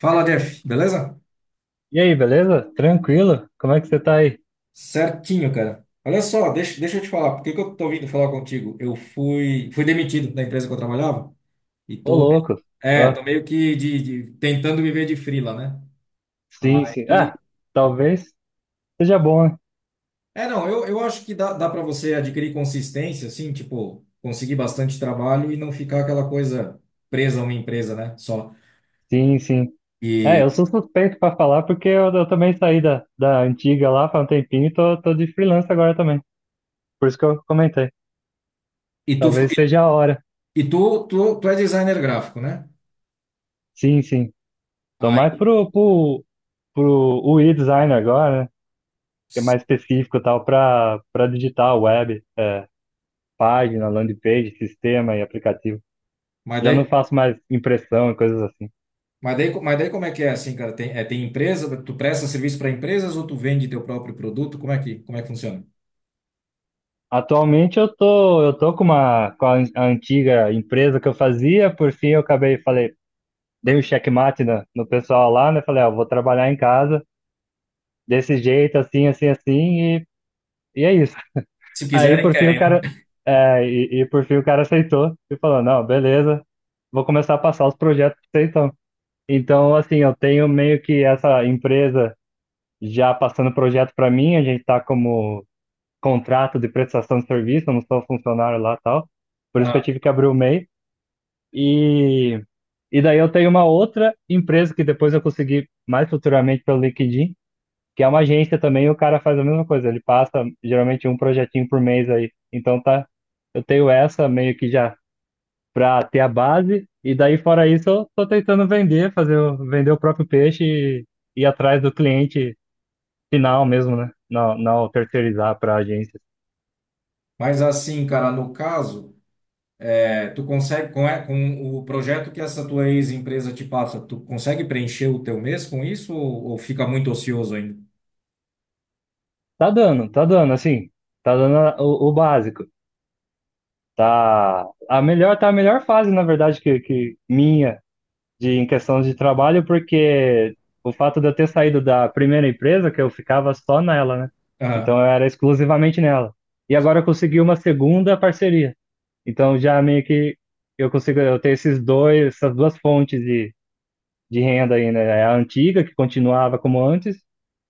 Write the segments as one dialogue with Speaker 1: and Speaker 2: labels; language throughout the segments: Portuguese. Speaker 1: Fala, Jeff, beleza?
Speaker 2: E aí, beleza? Tranquilo? Como é que você tá aí?
Speaker 1: Certinho, cara. Olha só, deixa eu te falar, por que que eu tô vindo falar contigo? Eu fui demitido da empresa que eu trabalhava e
Speaker 2: Ô,
Speaker 1: tô, me-
Speaker 2: louco.
Speaker 1: é,
Speaker 2: Ah,
Speaker 1: tô meio que tentando viver de freela, né?
Speaker 2: sim.
Speaker 1: Aí,
Speaker 2: Ah, talvez seja bom, né?
Speaker 1: é, não, eu acho que dá para você adquirir consistência, assim, tipo, conseguir bastante trabalho e não ficar aquela coisa presa a uma empresa, né? Só.
Speaker 2: Sim. É,
Speaker 1: E,
Speaker 2: eu sou suspeito pra falar porque eu também saí da antiga lá faz um tempinho e tô de freelance agora também. Por isso que eu comentei.
Speaker 1: e tu, fa-
Speaker 2: Talvez seja a hora.
Speaker 1: e tu é designer gráfico, né?
Speaker 2: Sim. Tô mais
Speaker 1: Aí,
Speaker 2: pro UI design agora, né? Que é mais específico e tal pra, pra digital, web, página, landing page, sistema e aplicativo.
Speaker 1: mas
Speaker 2: Já não
Speaker 1: daí
Speaker 2: faço mais impressão e coisas assim.
Speaker 1: Mas daí, co- mas daí como é que é assim, cara? Tem empresa, tu presta serviço para empresas ou tu vende teu próprio produto? Como é que funciona?
Speaker 2: Atualmente eu tô com com a a antiga empresa que eu fazia, por fim eu acabei, falei, dei um checkmate no pessoal lá, né? Falei, ó, vou trabalhar em casa desse jeito, assim, e, e é isso.
Speaker 1: Se
Speaker 2: Aí
Speaker 1: quiserem,
Speaker 2: por fim o
Speaker 1: querem, né?
Speaker 2: cara, e por fim o cara aceitou e falou, não, beleza, vou começar a passar os projetos pra você então. Então, assim, eu tenho meio que essa empresa já passando projeto para mim, a gente tá como contrato de prestação de serviço, eu não sou funcionário lá e tal. Por isso que eu
Speaker 1: Ah,
Speaker 2: tive que abrir o MEI. E, e daí eu tenho uma outra empresa que depois eu consegui mais futuramente pelo LinkedIn, que é uma agência também, e o cara faz a mesma coisa, ele passa geralmente um projetinho por mês aí. Então tá, eu tenho essa meio que já para ter a base, e daí fora isso eu tô tentando vender, vender o próprio peixe e ir atrás do cliente final mesmo, né? Não terceirizar para agência.
Speaker 1: mas assim, cara, no caso, tu consegue, com o projeto que essa tua ex-empresa te passa, tu consegue preencher o teu mês com isso ou fica muito ocioso ainda?
Speaker 2: Tá dando, assim, tá dando o básico. Tá a melhor fase, na verdade, que minha de em questão de trabalho, porque o fato de eu ter saído da primeira empresa, que eu ficava só nela, né?
Speaker 1: Ah,
Speaker 2: Então eu era exclusivamente nela. E agora eu consegui uma segunda parceria. Então já meio que eu consigo, eu tenho essas duas fontes de renda aí, né? É a antiga, que continuava como antes,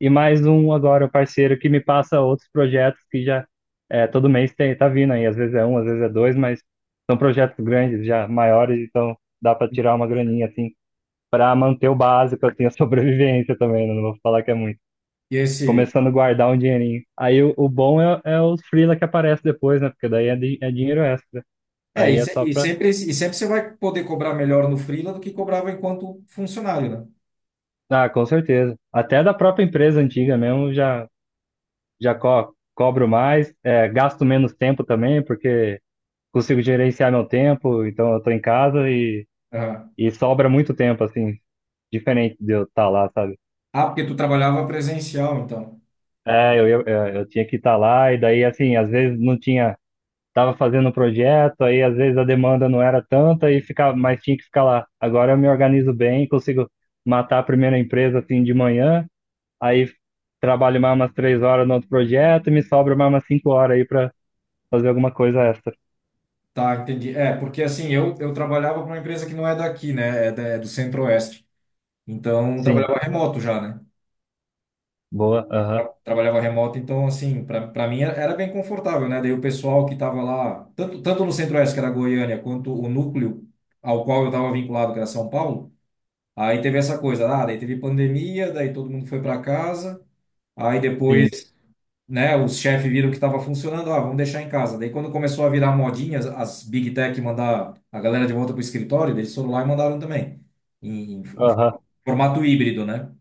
Speaker 2: e mais um agora, o parceiro que me passa outros projetos que todo mês tem, tá vindo aí. Às vezes é um, às vezes é dois, mas são projetos grandes, já maiores, então dá para tirar uma graninha, assim, para manter o básico, assim, a sobrevivência também, né? Não vou falar que é muito.
Speaker 1: e esse,
Speaker 2: Começando a guardar um dinheirinho. Aí o bom é, é os freela que aparece depois, né? Porque daí é, é dinheiro extra.
Speaker 1: é,
Speaker 2: Aí
Speaker 1: e,
Speaker 2: é
Speaker 1: se-
Speaker 2: só pra.
Speaker 1: e sempre você vai poder cobrar melhor no freela do que cobrava enquanto funcionário, né?
Speaker 2: Ah, com certeza. Até da própria empresa antiga mesmo já já co cobro mais, é, gasto menos tempo também, porque consigo gerenciar meu tempo, então eu tô em casa
Speaker 1: Ah,
Speaker 2: e sobra muito tempo, assim, diferente de eu estar lá, sabe?
Speaker 1: ah, porque tu trabalhava presencial, então.
Speaker 2: É, eu tinha que estar lá, e daí, assim, às vezes não tinha, tava fazendo um projeto, aí às vezes a demanda não era tanta, e ficava, mas tinha que ficar lá. Agora eu me organizo bem, consigo matar a primeira empresa, assim, de manhã, aí trabalho mais umas três horas no outro projeto, e me sobra mais umas cinco horas aí pra fazer alguma coisa extra.
Speaker 1: Tá, entendi. É, porque assim, eu trabalhava para uma empresa que não é daqui, né? É do Centro-Oeste. Então,
Speaker 2: Sim.
Speaker 1: trabalhava remoto já, né?
Speaker 2: Boa, aham,
Speaker 1: Trabalhava remoto, então, assim, para mim era bem confortável, né? Daí o pessoal que estava lá, tanto no Centro-Oeste, que era Goiânia, quanto o núcleo ao qual eu estava vinculado, que era São Paulo, aí teve essa coisa, ah, daí teve pandemia, daí todo mundo foi para casa, aí depois
Speaker 2: sim,
Speaker 1: né, os chefes viram que estava funcionando, ah, vamos deixar em casa. Daí quando começou a virar modinha, as Big Tech mandar a galera de volta para o escritório, eles foram lá e mandaram também, em
Speaker 2: aham,
Speaker 1: formato híbrido, né?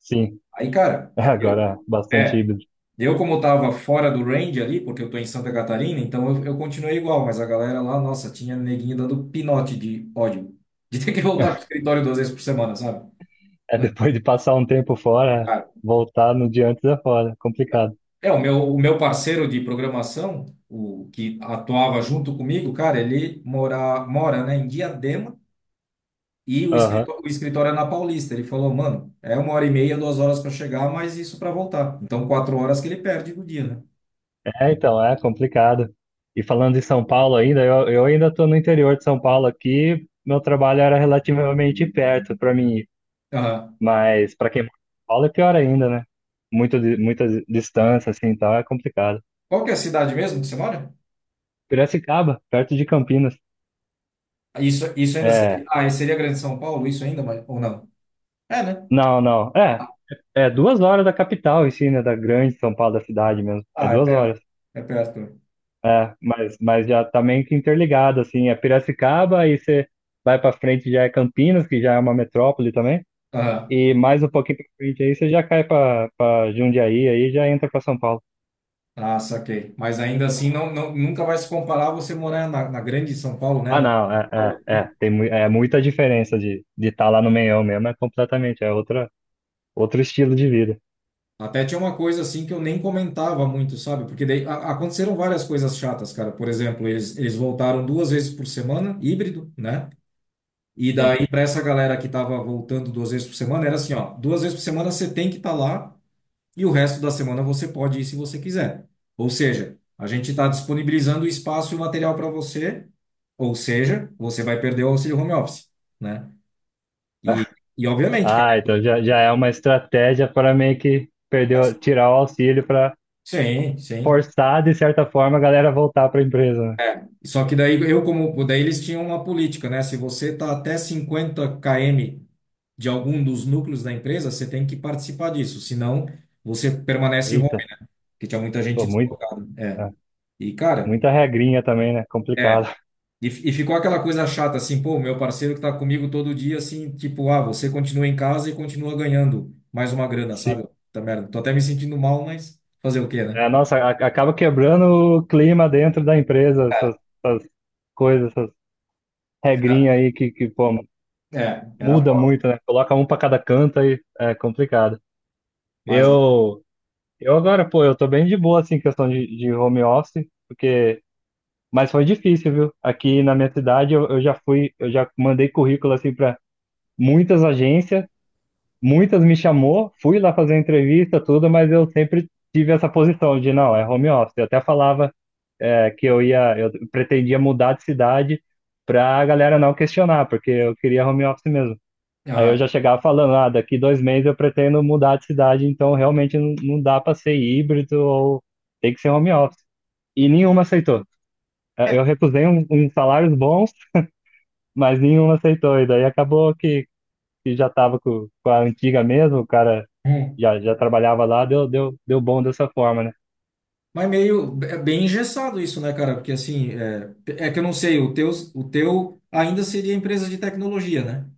Speaker 2: sim.
Speaker 1: Aí, cara,
Speaker 2: É, agora é bastante
Speaker 1: é,
Speaker 2: híbrido.
Speaker 1: eu como estava fora do range ali, porque eu tô em Santa Catarina, então eu continuei igual, mas a galera lá, nossa, tinha neguinho dando pinote de ódio, de ter que voltar pro escritório duas vezes por semana, sabe?
Speaker 2: É,
Speaker 1: Cara,
Speaker 2: depois de passar um tempo fora, voltar no dia antes é fora, complicado.
Speaker 1: é, o meu parceiro de programação, o que atuava junto comigo, cara, ele mora, né, em Diadema e
Speaker 2: Aham.
Speaker 1: o escritório é na Paulista. Ele falou, mano, é uma hora e meia, duas horas para chegar, mas isso para voltar. Então, quatro horas que ele perde do dia, né?
Speaker 2: É, então, é complicado. E falando de São Paulo ainda, eu ainda estou no interior de São Paulo aqui, meu trabalho era relativamente perto para mim, ir.
Speaker 1: Aham.
Speaker 2: Mas para quem mora em São Paulo é pior ainda, né? Muito, muita distância, assim, então é complicado.
Speaker 1: Qual que é a cidade mesmo que você mora?
Speaker 2: Piracicaba, perto de Campinas.
Speaker 1: Isso ainda seria,
Speaker 2: É,
Speaker 1: ah, seria Grande São Paulo, isso ainda, mas, ou não? É, né?
Speaker 2: não. É duas horas da capital em si, né? Da grande São Paulo, da cidade mesmo. É
Speaker 1: Ah, é
Speaker 2: duas
Speaker 1: perto.
Speaker 2: horas.
Speaker 1: É perto.
Speaker 2: É, mas já tá meio que interligado, assim. É Piracicaba, aí você vai pra frente já é Campinas, que já é uma metrópole também.
Speaker 1: Aham.
Speaker 2: E mais um pouquinho pra frente aí você já cai pra, pra Jundiaí, aí já entra pra São Paulo.
Speaker 1: Ah, saquei. Mas ainda assim, não, não, nunca vai se comparar você morar na, na Grande São Paulo, né?
Speaker 2: Ah,
Speaker 1: Na
Speaker 2: não,
Speaker 1: capital aqui.
Speaker 2: é. É muita diferença de estar lá no meião mesmo, é completamente, é outra, outro estilo de vida.
Speaker 1: Até tinha uma coisa assim que eu nem comentava muito, sabe? Porque daí aconteceram várias coisas chatas, cara. Por exemplo, eles voltaram duas vezes por semana, híbrido, né? E
Speaker 2: Sim.
Speaker 1: daí, para essa galera que tava voltando duas vezes por semana, era assim, ó, duas vezes por semana você tem que estar lá e o resto da semana você pode ir se você quiser. Ou seja, a gente está disponibilizando o espaço e o material para você, ou seja, você vai perder o auxílio home office, né? E, e obviamente, cara,
Speaker 2: Ah, então já, já é uma estratégia para meio que perder, tirar o auxílio
Speaker 1: sim, sim.
Speaker 2: forçar, de certa forma, a galera voltar para a empresa, né?
Speaker 1: Só que daí eu como daí eles tinham uma política, né? Se você está até 50 km de algum dos núcleos da empresa, você tem que participar disso, senão você permanece home,
Speaker 2: Eita,
Speaker 1: porque tinha muita gente
Speaker 2: pô, muito,
Speaker 1: deslocada. É.
Speaker 2: é,
Speaker 1: E cara,
Speaker 2: muita regrinha também, né?
Speaker 1: é,
Speaker 2: Complicado.
Speaker 1: e ficou aquela coisa chata assim, pô, meu parceiro que tá comigo todo dia assim, tipo, ah, você continua em casa e continua ganhando mais uma grana,
Speaker 2: Sim.
Speaker 1: sabe? Tá merda. Tô até me sentindo mal, mas fazer o quê, né?
Speaker 2: É, nossa, acaba quebrando o clima dentro da empresa, essas essas regrinhas aí que pô,
Speaker 1: É, era
Speaker 2: muda
Speaker 1: foda.
Speaker 2: muito, né? Coloca um para cada canto aí, é complicado.
Speaker 1: Mas
Speaker 2: Eu, eu agora, pô, eu tô bem de boa, assim, em questão de home office, porque... Mas foi difícil, viu? Aqui na minha cidade, eu já fui, eu já mandei currículo, assim, para muitas agências, muitas me chamou, fui lá fazer entrevista, tudo, mas eu sempre tive essa posição de não, é home office. Eu até falava é, que eu ia, eu pretendia mudar de cidade para a galera não questionar, porque eu queria home office mesmo. Aí eu
Speaker 1: ah,
Speaker 2: já chegava falando, ah, daqui dois meses eu pretendo mudar de cidade, então realmente não, não dá para ser híbrido ou tem que ser home office. E nenhuma aceitou. É, eu recusei uns salários bons, mas nenhuma aceitou. E daí acabou que já estava com a antiga mesmo, o cara já trabalhava lá, deu bom dessa forma, né?
Speaker 1: mas meio é bem engessado isso, né, cara? Porque assim, é, é que eu não sei, o teu ainda seria empresa de tecnologia, né?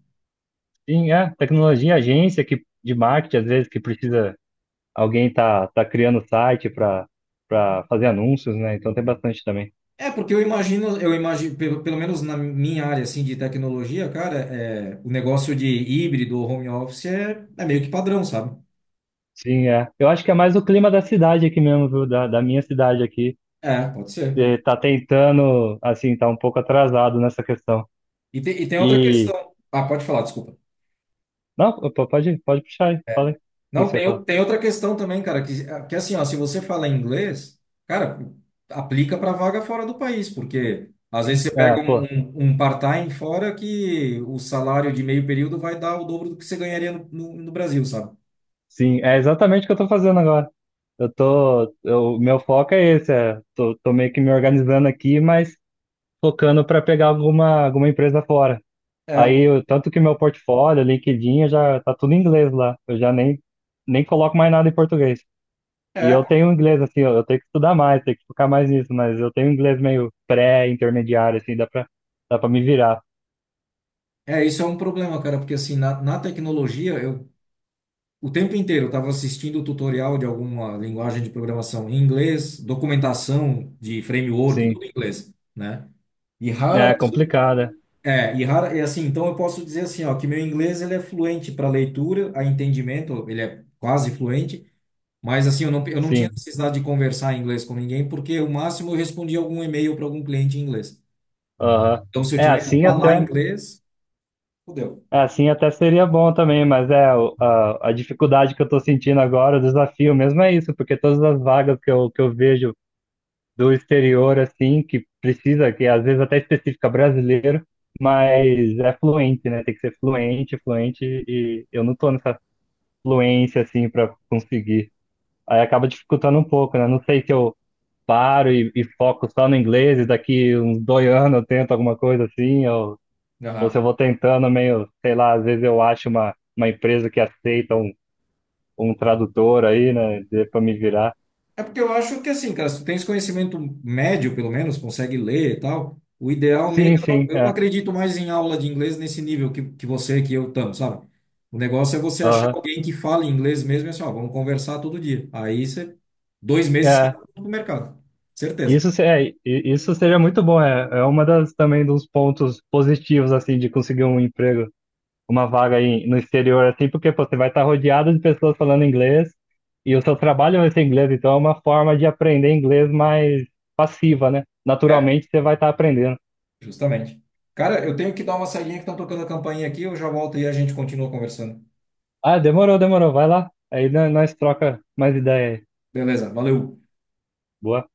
Speaker 2: Sim, é, tecnologia, agência que, de marketing, às vezes, que precisa, alguém tá criando site para fazer anúncios, né? Então tem bastante também.
Speaker 1: É, porque eu imagino, pelo, pelo menos na minha área assim de tecnologia, cara, é, o negócio de híbrido ou home office é meio que padrão, sabe?
Speaker 2: Sim, é. Eu acho que é mais o clima da cidade aqui mesmo, viu? Da minha cidade aqui.
Speaker 1: É, pode ser.
Speaker 2: Eh, tá tentando, assim, tá um pouco atrasado nessa questão.
Speaker 1: E, te, e tem outra
Speaker 2: E.
Speaker 1: questão. Ah, pode falar, desculpa.
Speaker 2: Não, pô, pode puxar aí, fala aí. O que que
Speaker 1: Não,
Speaker 2: você ia
Speaker 1: tem,
Speaker 2: falar?
Speaker 1: tem outra questão também, cara, que assim, ó, se você fala inglês, cara, aplica para vaga fora do país, porque às vezes você
Speaker 2: É,
Speaker 1: pega um,
Speaker 2: pô,
Speaker 1: um part-time fora que o salário de meio período vai dar o dobro do que você ganharia no, no, no Brasil, sabe?
Speaker 2: sim, é exatamente o que eu tô fazendo agora. Meu foco é esse, é, tô meio que me organizando aqui, mas focando para pegar alguma, alguma empresa fora.
Speaker 1: É,
Speaker 2: Aí, tanto que meu portfólio, LinkedIn, eu já tá tudo em inglês lá. Eu já nem, Nem coloco mais nada em português. E
Speaker 1: é,
Speaker 2: eu tenho inglês, assim, eu tenho que estudar mais, tenho que focar mais nisso, mas eu tenho inglês meio pré-intermediário, assim, dá pra me virar.
Speaker 1: isso é um problema, cara, porque assim, na, na tecnologia, eu o tempo inteiro eu estava assistindo tutorial de alguma linguagem de programação em inglês, documentação de framework,
Speaker 2: Sim.
Speaker 1: tudo em inglês, né?
Speaker 2: É complicada,
Speaker 1: E assim, então eu posso dizer assim, ó, que meu inglês ele é fluente para leitura, a entendimento, ele é quase fluente, mas assim, eu não tinha
Speaker 2: sim.
Speaker 1: necessidade de conversar em inglês com ninguém, porque o máximo eu respondia algum e-mail para algum cliente em inglês.
Speaker 2: Aham.
Speaker 1: Então, se eu
Speaker 2: É
Speaker 1: tiver que
Speaker 2: assim
Speaker 1: falar
Speaker 2: até.
Speaker 1: inglês, fudeu.
Speaker 2: Assim até seria bom também, mas é a dificuldade que eu estou sentindo agora, o desafio mesmo é isso, porque todas as vagas que eu vejo do exterior, assim, que precisa, que às vezes até específica brasileiro, mas é fluente, né? Tem que ser fluente, e eu não estou nessa fluência, assim, para conseguir. Aí acaba dificultando um pouco, né? Não sei se eu paro e foco só no inglês, e daqui uns dois anos eu tento alguma coisa assim, ou se eu vou tentando meio, sei lá, às vezes eu acho uma empresa que aceita um, um tradutor aí, né, pra me virar.
Speaker 1: É porque eu acho que assim, cara, se tu tens conhecimento médio, pelo menos, consegue ler e tal, o ideal mesmo.
Speaker 2: Sim,
Speaker 1: Eu, não-
Speaker 2: sim,
Speaker 1: eu não
Speaker 2: é.
Speaker 1: acredito mais em aula de inglês nesse nível que você, que eu estamos, sabe? O negócio é você achar
Speaker 2: Aham.
Speaker 1: alguém que fale inglês mesmo e assim, ó, vamos conversar todo dia. Aí você, dois meses você
Speaker 2: É.
Speaker 1: tá no mercado. Certeza.
Speaker 2: Isso, isso seria muito bom, é, é uma das também dos pontos positivos, assim, de conseguir um emprego, uma vaga aí no exterior, assim, porque pô, você vai estar rodeado de pessoas falando inglês e o seu trabalho vai ser inglês, então é uma forma de aprender inglês mais passiva, né?
Speaker 1: É,
Speaker 2: Naturalmente você vai estar aprendendo.
Speaker 1: justamente. Cara, eu tenho que dar uma saidinha que estão tocando a campainha aqui, eu já volto e a gente continua conversando.
Speaker 2: Ah, demorou. Vai lá. Aí nós troca mais ideia aí.
Speaker 1: Beleza, valeu.
Speaker 2: Boa.